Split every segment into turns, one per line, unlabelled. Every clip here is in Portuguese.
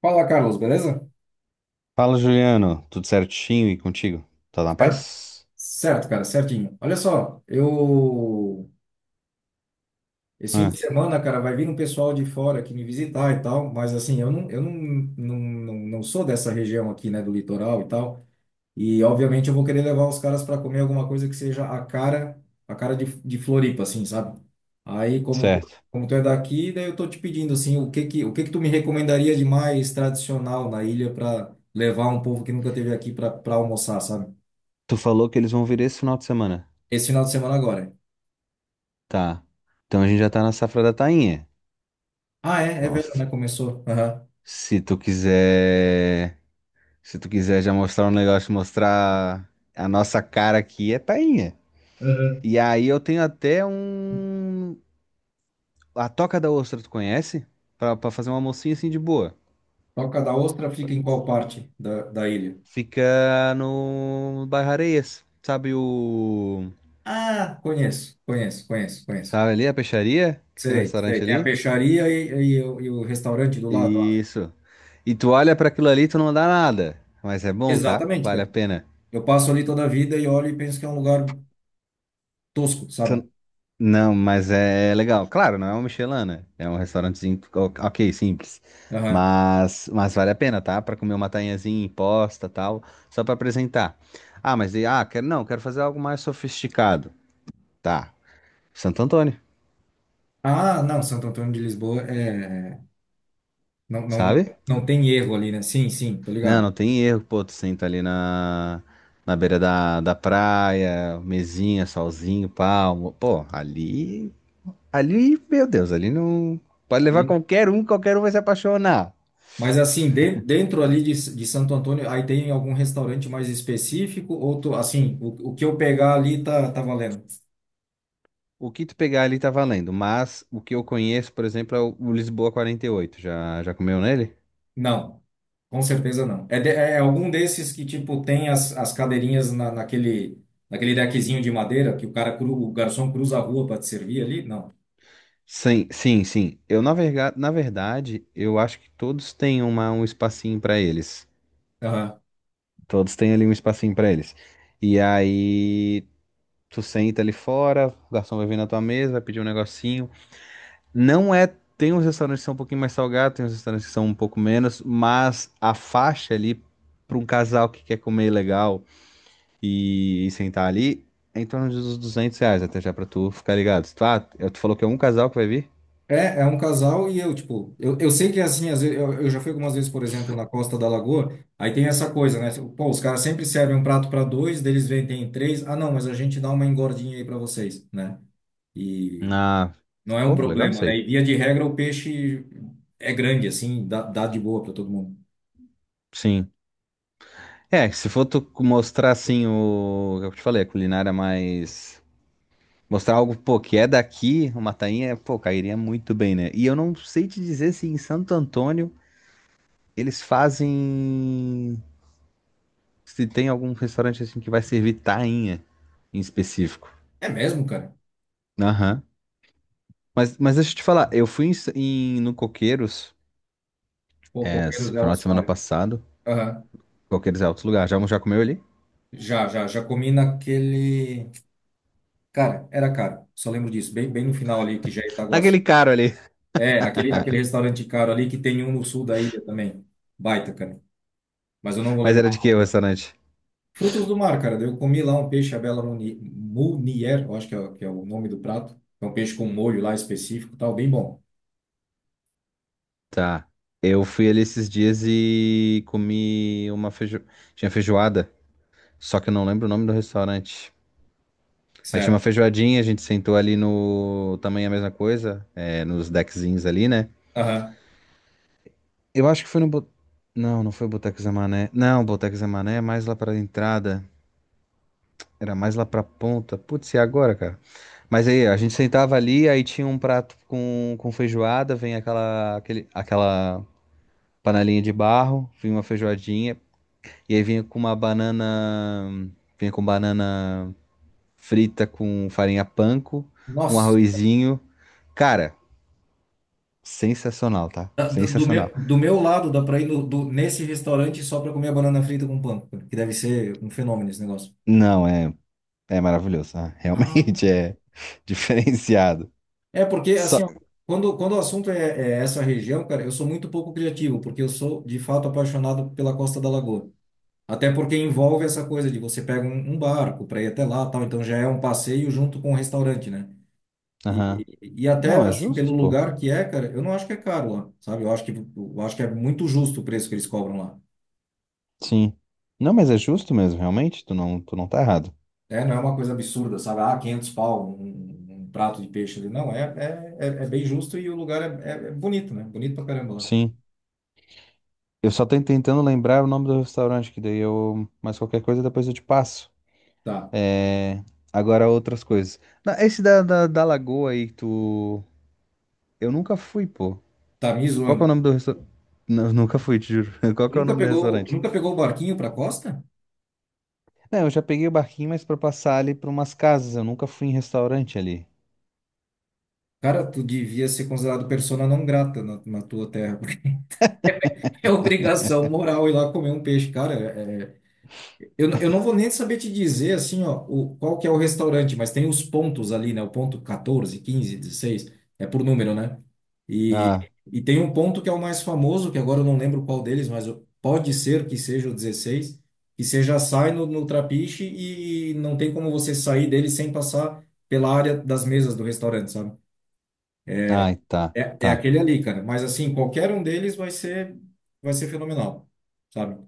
Fala, Carlos, beleza?
Fala, Juliano. Tudo certinho e contigo? Tá na
Certo,
paz?
certo, cara, certinho. Olha só. Eu. Esse fim de
Ah,
semana, cara, vai vir um pessoal de fora aqui me visitar e tal, mas assim, eu não, não, não, não sou dessa região aqui, né, do litoral e tal, e obviamente eu vou querer levar os caras para comer alguma coisa que seja a cara de Floripa, assim, sabe? Aí, como tu,
certo.
como tu é daqui, daí eu tô te pedindo, assim, o que que tu me recomendaria de mais tradicional na ilha para levar um povo que nunca esteve aqui para almoçar, sabe?
Tu falou que eles vão vir esse final de semana.
Esse final de semana agora.
Tá. Então a gente já tá na safra da tainha.
Ah, é
Então,
verão,
se
né? Começou. Aham.
se tu quiser, se tu quiser já mostrar um negócio, mostrar a nossa cara aqui é tainha.
Aham.
E aí eu tenho até um a Toca da Ostra, tu conhece? Pra fazer uma mocinha assim de boa.
Toca da Ostra fica em qual parte da ilha?
Fica no Bairro Areias. Sabe o
Ah, conheço, conheço, conheço, conheço.
sabe ali a peixaria? Que tem um
Sei, sei.
restaurante
Tem a
ali?
peixaria e o restaurante do lado lá.
Isso. E tu olha pra aquilo ali, e tu não dá nada. Mas é bom, tá?
Exatamente,
Vale a
cara.
pena.
Eu passo ali toda a vida e olho e penso que é um lugar tosco, sabe?
Não, mas é legal. Claro, não é um Michelin, né? É um restaurantezinho, ok, simples.
Aham.
Mas vale a pena, tá? Pra comer uma tainhazinha imposta, tal, só pra apresentar. Ah, não, quero fazer algo mais sofisticado. Tá. Santo Antônio,
Ah, não, Santo Antônio de Lisboa é. Não, não,
sabe?
não tem erro ali, né? Sim, sim, tô
Não,
ligado.
não tem erro, pô, tu senta ali na beira da praia, mesinha, solzinho, palmo, pô, ali, meu Deus, ali não, pode levar
Ali
qualquer um vai se apaixonar.
Mas assim, dentro ali de Santo Antônio, aí tem algum restaurante mais específico? Ou tu, assim, o que eu pegar ali tá valendo?
O que tu pegar ali tá valendo, mas o que eu conheço, por exemplo, é o Lisboa 48. Já, comeu nele?
Não, com certeza não. É, é algum desses que, tipo, tem as cadeirinhas naquele deckzinho de madeira que o garçom cruza a rua para te servir ali? Não.
Sim, sim, sim, eu na verdade, eu acho que todos têm um espacinho pra eles, todos têm ali um espacinho pra eles. E aí tu senta ali fora, o garçom vai vir na tua mesa, vai pedir um negocinho. Não é. Tem uns restaurantes que são um pouquinho mais salgados, tem uns restaurantes que são um pouco menos, mas a faixa ali, para um casal que quer comer legal e sentar ali, é em torno dos R$ 200, até já pra tu ficar ligado. Tu, ah, tu falou que é um casal que vai vir?
É um casal e eu, tipo, eu sei que é assim, às vezes, eu já fui algumas vezes, por exemplo, na Costa da Lagoa, aí tem essa coisa, né? Tipo, pô, os caras sempre servem um prato para dois, deles vendem três, ah, não, mas a gente dá uma engordinha aí para vocês, né? E
Ah,
não é um
pô, legal
problema,
isso
né?
aí.
E via de regra o peixe é grande, assim, dá de boa para todo mundo.
Sim. É, se for tu mostrar assim, o. é o que eu te falei, a culinária mais, mostrar algo, pô, que é daqui, uma tainha, pô, cairia muito bem, né? E eu não sei te dizer se em Santo Antônio eles fazem. Se tem algum restaurante assim que vai servir tainha em específico.
É mesmo, cara?
Aham. Mas deixa eu te falar, eu fui no Coqueiros,
Pô,
é, esse
Coqueiros é
final de
alto
semana
pai.
passado.
Aham.
Coqueiros é outro lugar. Já, comeu ali?
Já comi naquele. Cara, era caro, só lembro disso, bem, bem no final ali, que já é Itaguaçu.
Naquele caro ali.
É, aquele restaurante caro ali que tem um no sul da ilha também. Baita, cara. Mas eu não vou
Mas era
lembrar o
de
nome
que o
agora.
restaurante?
Frutos do mar, cara. Eu comi lá um peixe à bela munier, eu acho que é o nome do prato. É um peixe com molho lá específico, e tal, bem bom.
Tá. Eu fui ali esses dias e comi uma feijo... Tinha feijoada. Só que eu não lembro o nome do restaurante. Aí tinha uma
Certo.
feijoadinha, a gente sentou ali. No. Também a mesma coisa, é, nos deckzinhos ali, né?
Aham.
Eu acho que foi no não, não foi o Boteco Zé Mané. Não, o Boteco Zé Mané é mais lá pra entrada. Era mais lá pra ponta. Putz, e agora, cara? Mas aí, a gente sentava ali, aí tinha um prato com feijoada, vem aquela, aquele, aquela panelinha de barro, vinha uma feijoadinha, e aí vinha com uma banana. Vinha com banana frita com farinha panko, um
Nossa,
arrozinho. Cara. Sensacional, tá?
do, do
Sensacional.
meu, do meu lado dá pra ir no, do, nesse restaurante só pra comer a banana frita com pão, cara, que deve ser um fenômeno esse negócio.
Não, é maravilhoso, tá?
Ah.
Realmente é diferenciado.
É porque, assim,
Só...
ó, quando o assunto é essa região, cara, eu sou muito pouco criativo, porque eu sou, de fato, apaixonado pela Costa da Lagoa. Até porque envolve essa coisa de você pega um barco para ir até lá, tal, então já é um passeio junto com o restaurante, né?
Aham.
E até
Não, é
assim pelo
justo, pô.
lugar que é, cara, eu não acho que é caro lá, sabe? Eu acho que é muito justo o preço que eles cobram lá.
Sim. Não, mas é justo mesmo, realmente. Tu não tá errado.
É, não é uma coisa absurda, sabe? Ah, 500 pau um prato de peixe ali. Não, é bem justo e o lugar é bonito, né? Bonito pra caramba lá.
Sim. Eu só tô tentando lembrar o nome do restaurante, que daí eu. Mas qualquer coisa depois eu te passo.
Tá,
É. Agora outras coisas. Não, esse da Lagoa aí, que tu. Eu nunca fui, pô.
tá me
Qual que é o
zoando.
nome do restaurante? Nunca fui, te juro. Qual
Tu
que é o
nunca
nome do
pegou, tu
restaurante?
nunca pegou o barquinho pra costa?
É, eu já peguei o barquinho, mas pra passar ali pra umas casas. Eu nunca fui em restaurante ali.
Cara, tu devia ser considerado persona não grata na tua terra. É obrigação moral ir lá comer um peixe, cara. Eu não vou nem saber te dizer assim, ó, qual que é o restaurante, mas tem os pontos ali, né? O ponto 14, 15, 16 é por número, né? E,
Ah,
e tem um ponto que é o mais famoso, que agora eu não lembro qual deles, mas pode ser que seja o 16, que você já sai no trapiche e não tem como você sair dele sem passar pela área das mesas do restaurante, sabe?
ai, tá,
É
tá,
aquele ali, cara. Mas assim, qualquer um deles vai ser fenomenal. Sabe?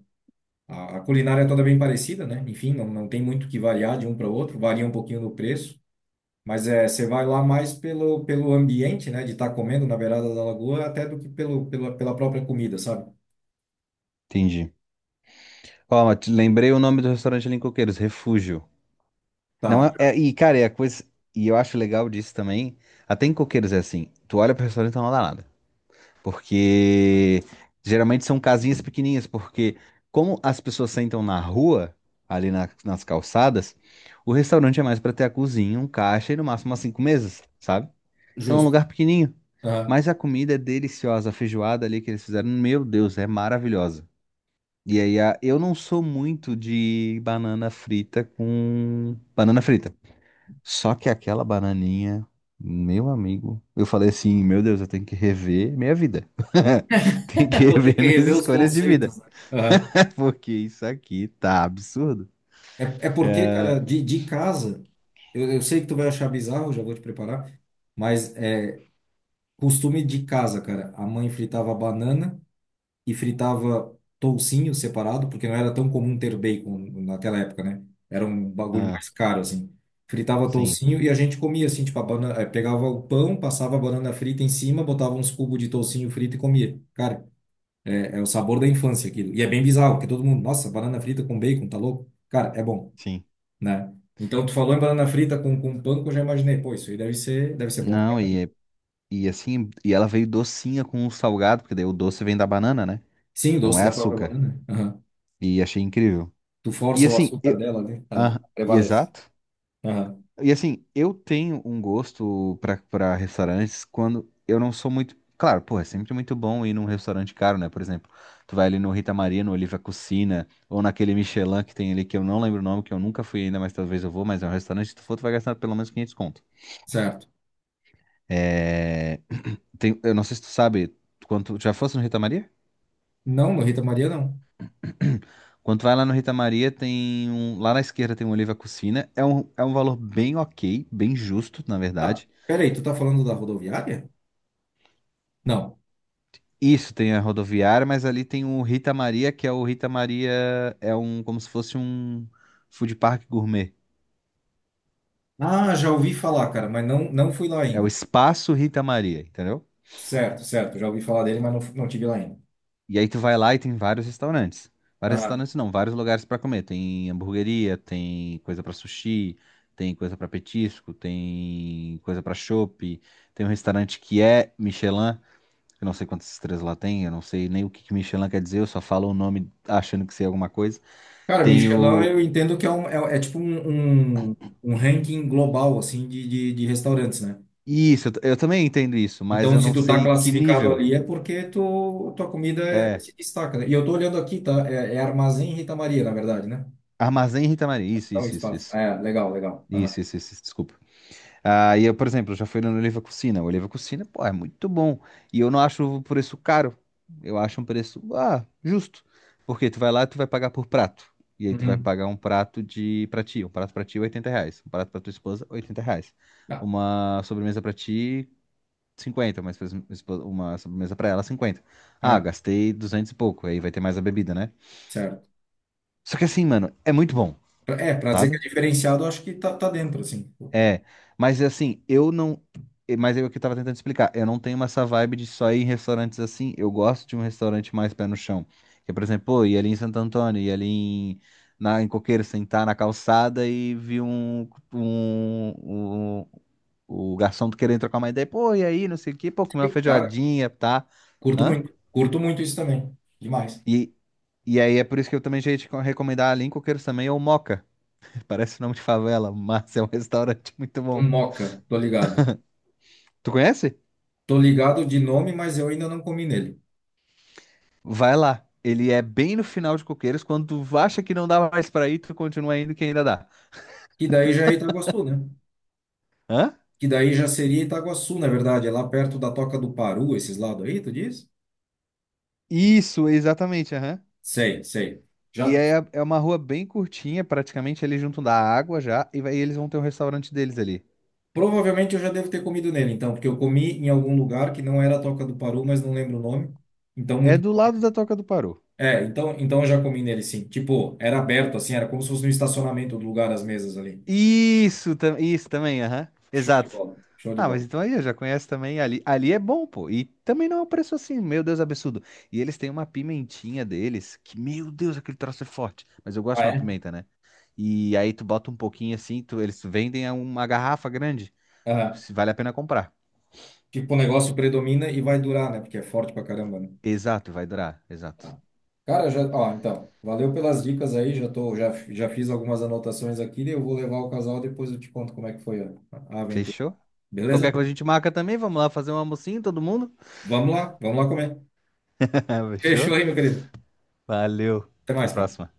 A culinária é toda bem parecida, né? Enfim, não tem muito que variar de um para o outro, varia um pouquinho no preço, mas é, você vai lá mais pelo ambiente, né? De estar comendo na beirada da lagoa, até do que pela própria comida, sabe?
entendi. Ó, mas lembrei o nome do restaurante ali em Coqueiros, Refúgio. Não
Tá.
é, e cara, é a coisa, e eu acho legal disso também, até em Coqueiros é assim, tu olha pro restaurante e não dá nada, porque geralmente são casinhas pequenininhas, porque como as pessoas sentam na rua, ali nas calçadas, o restaurante é mais pra ter a cozinha, um caixa e no máximo umas cinco mesas, sabe? Então é um
Justo.
lugar pequenininho.
Aham.
Mas a comida é deliciosa, a feijoada ali que eles fizeram, meu Deus, é maravilhosa. E aí, eu não sou muito de banana frita com banana frita. Só que aquela bananinha, meu amigo, eu falei assim, meu Deus, eu tenho que rever minha vida. Tenho que
Vou ter
rever
que
minhas
rever os
escolhas de vida.
conceitos, né? Aham.
Porque isso aqui tá absurdo.
É porque, cara, de casa, eu sei que tu vai achar bizarro, já vou te preparar, mas é costume de casa, cara. A mãe fritava banana e fritava toucinho separado, porque não era tão comum ter bacon naquela época, né? Era um bagulho
Ah,
mais caro, assim. Fritava
sim,
toucinho e a gente comia, assim, tipo, a banana, pegava o pão, passava a banana frita em cima, botava uns cubos de toucinho frito e comia. Cara, é o sabor da infância aquilo. E é bem bizarro, porque todo mundo, nossa, banana frita com bacon, tá louco? Cara, é bom,
sim.
né? Então, tu falou em banana frita com pão, que eu já imaginei, pô, isso aí deve ser bom.
Não, e assim, e ela veio docinha com o salgado, porque daí o doce vem da banana, né?
Sim, o
Não
doce
é
da própria
açúcar.
banana, né? Aham.
E achei incrível.
Tu
E
força o
assim,
açúcar
eu,
dela, né?
ah, e
Prevalece.
exato.
Aham.
E assim, eu tenho um gosto pra para restaurantes quando eu não sou muito. Claro, pô, é sempre muito bom ir num restaurante caro, né? Por exemplo, tu vai ali no Rita Maria, no Oliva Cucina, ou naquele Michelin que tem ali, que eu não lembro o nome, que eu nunca fui ainda, mas talvez eu vou, mas é um restaurante, se tu for, tu vai gastar pelo menos 500 conto.
Certo.
É... Tem... Eu não sei se tu sabe quanto. Já fosse no Rita Maria?
Não, no Rita Maria não.
Quando vai lá no Rita Maria, tem um. Lá na esquerda tem um Oliva Cucina. É é um valor bem ok, bem justo, na
Ah,
verdade.
peraí, tu tá falando da rodoviária? Não.
Isso, tem a rodoviária, mas ali tem o Rita Maria, que é o Rita Maria. É um. Como se fosse um food park gourmet.
Ah, já ouvi falar, cara, mas não fui lá
É o
ainda.
espaço Rita Maria, entendeu?
Certo, certo, já ouvi falar dele, mas não tive lá ainda.
E aí tu vai lá e tem vários restaurantes. Vários
Aham.
restaurantes não, vários lugares pra comer. Tem hamburgueria, tem coisa pra sushi, tem coisa pra petisco, tem coisa pra chopp. Tem um restaurante que é Michelin. Eu não sei quantas estrelas lá tem, eu não sei nem o que que Michelin quer dizer, eu só falo o nome achando que sei alguma coisa.
Cara, Michelin,
Tenho.
eu entendo que é tipo um ranking global, assim, de restaurantes, né?
Isso, eu, eu também entendo isso, mas
Então,
eu
se
não
tu tá
sei que
classificado
nível.
ali, é porque tua comida
É.
se destaca, né? E eu tô olhando aqui, tá? É Armazém Rita Maria, na verdade, né?
Armazém Rita Maria. Isso,
É um
isso, isso,
espaço.
isso.
É, legal, legal. Aham.
Isso, desculpa. Ah, e eu, por exemplo, já fui no Oliva Cucina. O Oliva Cucina, pô, é muito bom. E eu não acho o preço caro. Eu acho um preço, justo. Porque tu vai lá e tu vai pagar por prato. E aí tu vai
Uhum.
pagar um prato de pra ti. Um prato pra ti, R$ 80. Um prato pra tua esposa, R$ 80.
Tá.
Uma sobremesa pra ti, 50. Uma, uma sobremesa pra ela, 50. Ah,
Aham.
gastei 200 e pouco. Aí vai ter mais a bebida, né?
Certo.
Só que assim, mano, é muito bom,
É, pra dizer que é
sabe?
diferenciado, eu acho que tá dentro, assim. Pô,
É, mas assim, eu não. Mas é o que eu tava tentando explicar. Eu não tenho essa vibe de só ir em restaurantes assim. Eu gosto de um restaurante mais pé no chão. Que, por exemplo, pô, ir ali em Santo Antônio, ir ali em, na, em Coqueiro, sentar na calçada e vi um o garçom querendo trocar uma ideia. Pô, e aí, não sei o quê, pô, comer uma
que cara,
feijoadinha, tá?
curto
Hã?
muito. Curto muito isso também. Demais.
E, e aí é por isso que eu também já ia te recomendar ali em Coqueiros também, é o Moca. Parece nome de favela, mas é um restaurante muito
Um
bom.
moca, tô ligado.
Tu conhece?
Tô ligado de nome, mas eu ainda não comi nele.
Vai lá. Ele é bem no final de Coqueiros, quando tu acha que não dá mais pra ir, tu continua indo que ainda dá.
Que daí já é Itaguaçu, né?
Hã?
Que daí já seria Itaguaçu, na verdade. É lá perto da Toca do Paru, esses lados aí, tu diz?
Isso, exatamente, aham.
Sei, sei.
Que
Já,
é, é uma rua bem curtinha, praticamente ali junto da água já, e eles vão ter um restaurante deles ali.
provavelmente eu já devo ter comido nele, então, porque eu comi em algum lugar que não era a Toca do Paru, mas não lembro o nome. Então,
É
muito.
do lado da Toca do Paru.
É, então eu já comi nele sim. Tipo, era aberto assim, era como se fosse no estacionamento do lugar as mesas ali.
Isso, isso também, aham.
Show de
Exato.
bola, show de
Ah, mas
bola.
então aí eu já conheço também ali. Ali é bom, pô. E também não é um preço assim, meu Deus, absurdo. E eles têm uma pimentinha deles, que, meu Deus, aquele troço é forte. Mas eu gosto
Ah,
de uma
é?
pimenta, né? E aí tu bota um pouquinho assim, tu, eles vendem a uma garrafa grande.
Aham.
Se vale a pena comprar.
Tipo, o negócio predomina e vai durar, né? Porque é forte pra caramba, né?
Exato, vai durar. Exato.
Tá. Cara, já, ó, então, valeu pelas dicas aí, já fiz algumas anotações aqui, eu vou levar o casal, depois eu te conto como é que foi a aventura.
Fechou? Qualquer
Beleza?
coisa a gente marca também. Vamos lá fazer um almocinho, todo mundo?
Vamos lá comer.
Fechou?
Fechou aí, meu querido.
Valeu.
Até
Até a
mais, cara.
próxima.